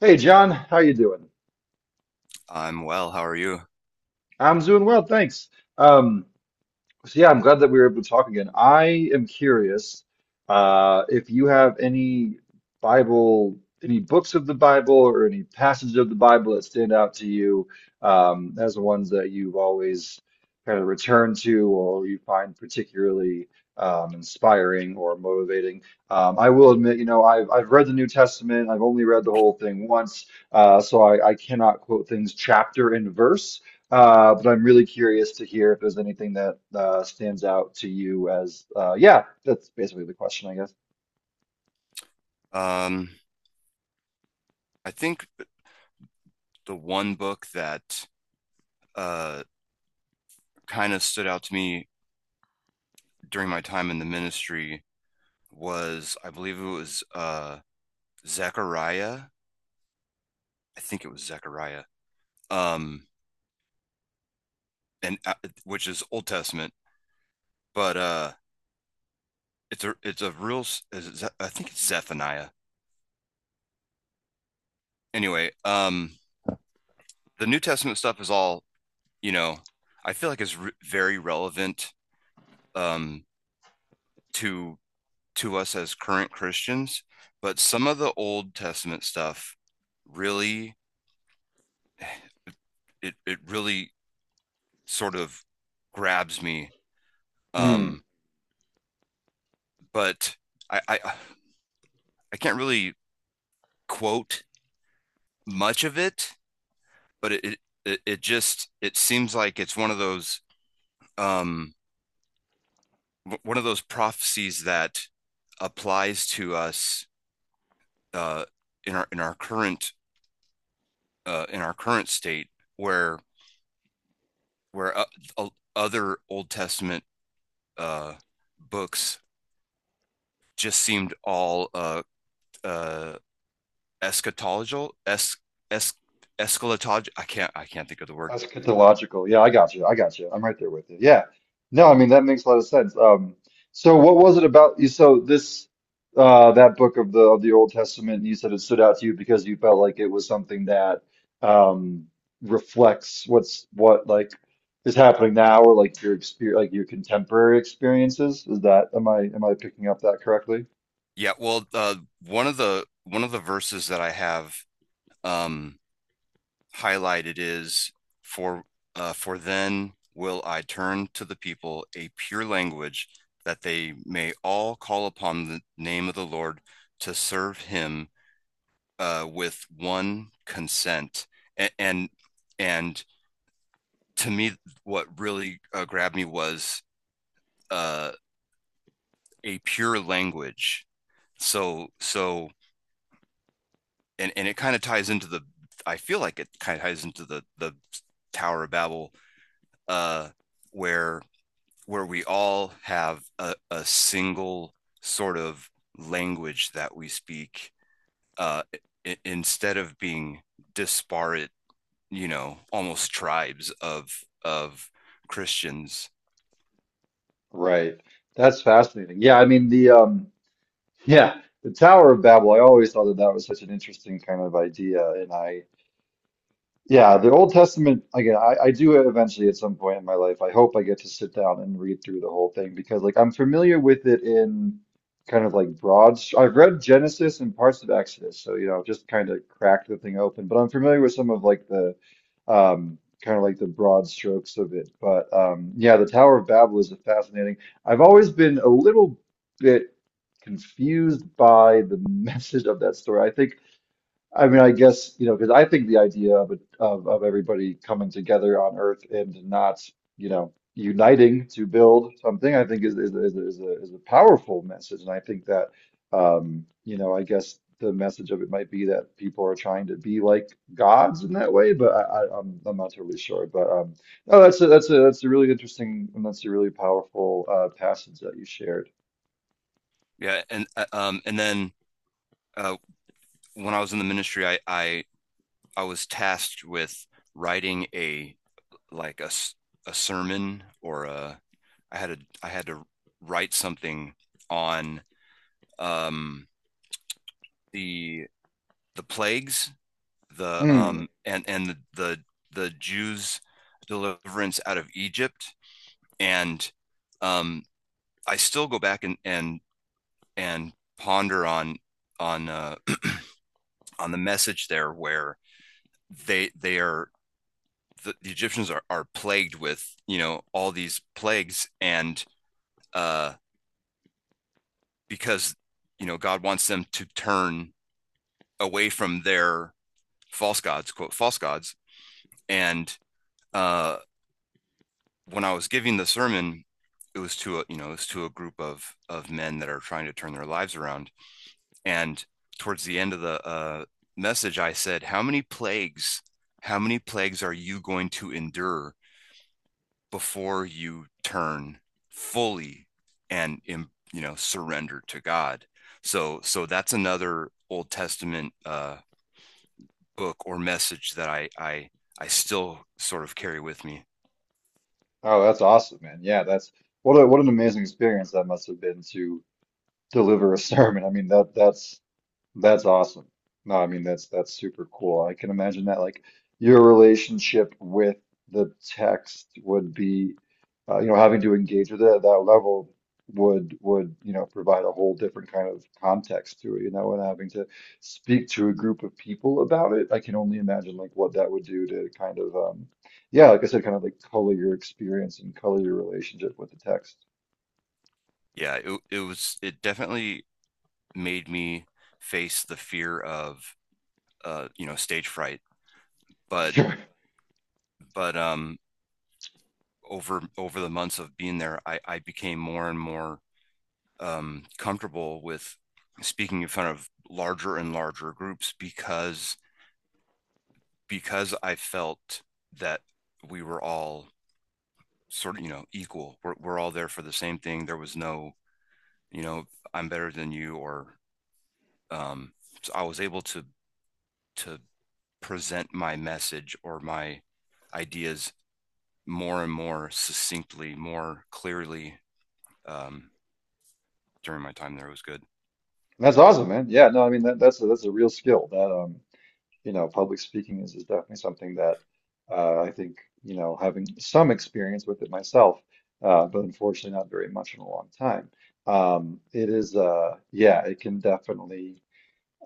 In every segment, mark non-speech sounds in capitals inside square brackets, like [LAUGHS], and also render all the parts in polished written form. Hey John, how you doing? I'm well. How are you? I'm doing well, thanks. Um, So yeah, I'm glad that we were able to talk again. I am curious if you have any Bible, any books of the Bible, or any passages of the Bible that stand out to you as the ones that you've always kind of returned to, or you find particularly inspiring or motivating. I will admit, you know, I've read the New Testament. I've only read the whole thing once, so I cannot quote things chapter and verse. But I'm really curious to hear if there's anything that stands out to you as, yeah, that's basically the question, I guess. Um, I think the one book that uh kind of stood out to me during my time in the ministry was, I believe it was Zechariah. I think it was Zechariah. Um, and which is Old Testament, but it's a real. Is it, I think it's Zephaniah. Anyway, the New Testament stuff is all you know. I feel like it's re very relevant um to to us as current Christians, but some of the Old Testament stuff really it really sort of grabs me. Hmm. Um, but I I, I can't really quote much of it, but it just it seems like it's um one of those prophecies that applies to us uh in our in our current state where where uh, other Old Testament uh, books just seemed all uh, eschatological, es, eschatological. I can't think of the word. Eschatological. Yeah, I got you. I got you. I'm right there with you. Yeah. No, I mean that makes a lot of sense. So what was it about you? So this that book of the Old Testament, you said it stood out to you because you felt like it was something that um reflects what is happening now, or like your experience, like your contemporary experiences. Is that, am I picking up that correctly? Yeah, well, one of the verses that I have um, highlighted is for for then will I turn to the people a pure language that they may all call upon the name of the Lord to serve him, with one consent. A- and and to me, what really grabbed me was, uh, a pure language. So so and it kind of ties into the. I feel like it kind of ties into the Tower of Babel, uh, where where we all have a single sort of language that we speak, uh, instead of being disparate, you know, almost tribes of Christians. Right. That's fascinating. Yeah, I mean the Yeah, the Tower of Babel. I always thought that that was such an interesting kind of idea, and I yeah, the Old Testament, again, I do eventually at some point in my life. I hope I get to sit down and read through the whole thing because, like, I'm familiar with it in kind of like I've read Genesis and parts of Exodus, so, you know, just kind of cracked the thing open, but I'm familiar with some of like the kind of like the broad strokes of it. But yeah, the Tower of Babel is fascinating. I've always been a little bit confused by the [LAUGHS] message of that story, I think. I mean, I guess, you know, because I think the idea of everybody coming together on Earth and not, you know, uniting to build something, I think is a powerful message, and I think that, you know, I guess the message of it might be that people are trying to be like gods in that way, but I'm not totally sure. But no, that's a really interesting, and that's a really powerful passage that you shared. And then uh, when I was in the ministry, I was tasked with writing a like a sermon or a I had to write something on um the plagues, the Mm. And the the Jews' deliverance out of Egypt, and um I still go back and and ponder on on uh, [CLEARS THROAT] on the message there, where they they are the Egyptians are plagued with, you know, all these plagues, and uh, because, you know, God wants them to turn away from their false gods, quote, false gods, and uh, when I was giving the sermon, it was to a, you know, it was to a group of men that are trying to turn their lives around. And towards the end of the message, I said, how many plagues, how many plagues are you going to endure before you turn fully and, you know, surrender to God? So, so that's another Old Testament book or message that I still sort of carry with me. Oh, that's awesome, man. Yeah, that's what a what an amazing experience that must have been to deliver a [LAUGHS] sermon. I mean that's awesome. No, I mean that's super cool. I can imagine that like your relationship with the text would be you know, having to engage with it at that level would you know provide a whole different kind of context to it, you know, and having to speak to a group of people about it. I can only imagine like what that would do to kind of yeah, like I said, kind of like color your experience and color your relationship with the text. Yeah, it definitely made me face the fear of, you know, stage fright. But, [LAUGHS] but over over the months of being there, I became more and more comfortable with speaking in front of larger and larger groups, because I felt that we were all sort of, you know, equal. We're all there for the same thing. There was no, you know, I'm better than you, or, um, so I was able to present my message or my ideas more and more succinctly, more clearly, um, during my time there. It was good, That's awesome, man. Yeah, no, I mean that's a real skill. That you know, public speaking is definitely something that I think you know having some experience with it myself, but unfortunately not very much in a long time. It is yeah, it can definitely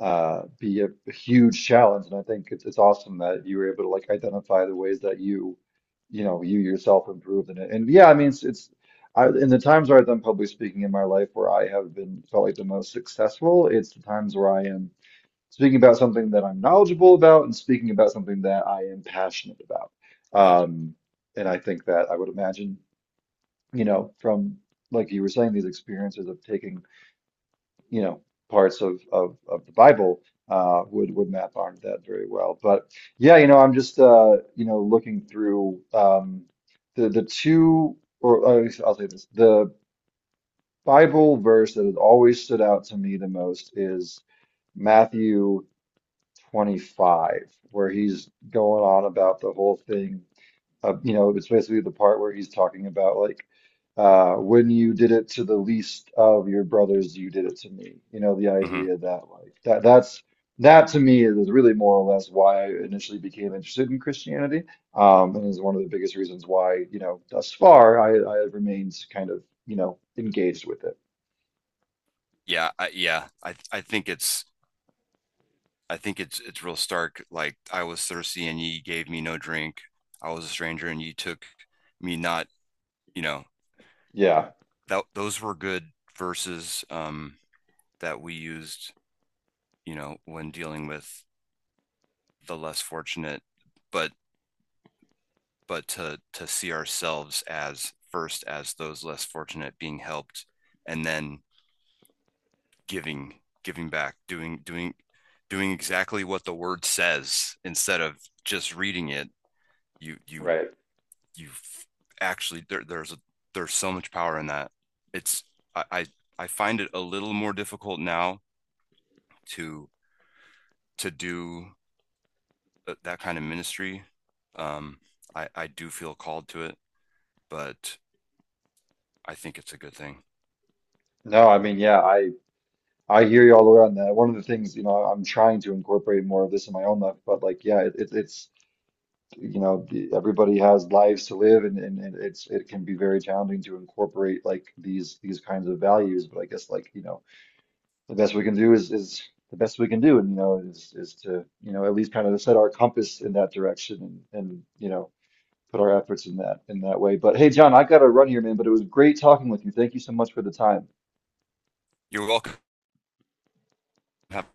be a huge challenge. And I think it's awesome that you were able to like identify the ways that you know, you yourself improved in it. And yeah, I mean, it's I, in the times where I've done public speaking in my life where I have been felt like the most successful, it's the times where I am speaking about something that I'm knowledgeable about and speaking about something that I am passionate about. right? Um, and I think that I would imagine, you know, from like you were saying, these experiences of taking you know parts of the Bible would map onto that very well. But yeah, you know, I'm just you know, looking through the two or I'll say this, the Bible verse that has always stood out to me the most is Matthew 25, where he's going on about the whole thing you know, it's basically the part where he's talking about, like, when you did it to the least of your brothers, you did it to me. You know, the Hmm. idea that like that's that to me is really more or less why I initially became interested in Christianity, and is one of the biggest reasons why, you know, thus far I have remained kind of, you know, engaged with it. Yeah, yeah. I think it's real stark. Like, I was thirsty and ye gave me no drink. I was a stranger and ye took me not. You know, Yeah, that those were good verses that we used. You know, when dealing with the less fortunate, but but to see ourselves as first as those less fortunate being helped, and then giving giving back, doing doing exactly what the word says instead of just reading it. you you right. you actually there's there's so much power in that. It's I, I I find it a little more difficult now to to do that kind of ministry. Um I do feel called to it, but I think it's a good thing. No, I mean, I hear you all the way on that. One of the things, you know, I'm trying to incorporate more of this in my own life, but like, yeah, it's you know, everybody has lives to live and it's it can be very challenging to incorporate like these kinds of values. But I guess like, you know, the best we can do is the best we can do, and you know is to, you know, at least kind of set our compass in that direction, and you know, put our efforts in that way. But hey, John, I gotta run here, man, but it was great talking with you. Thank you so much for the time. You're welcome. Have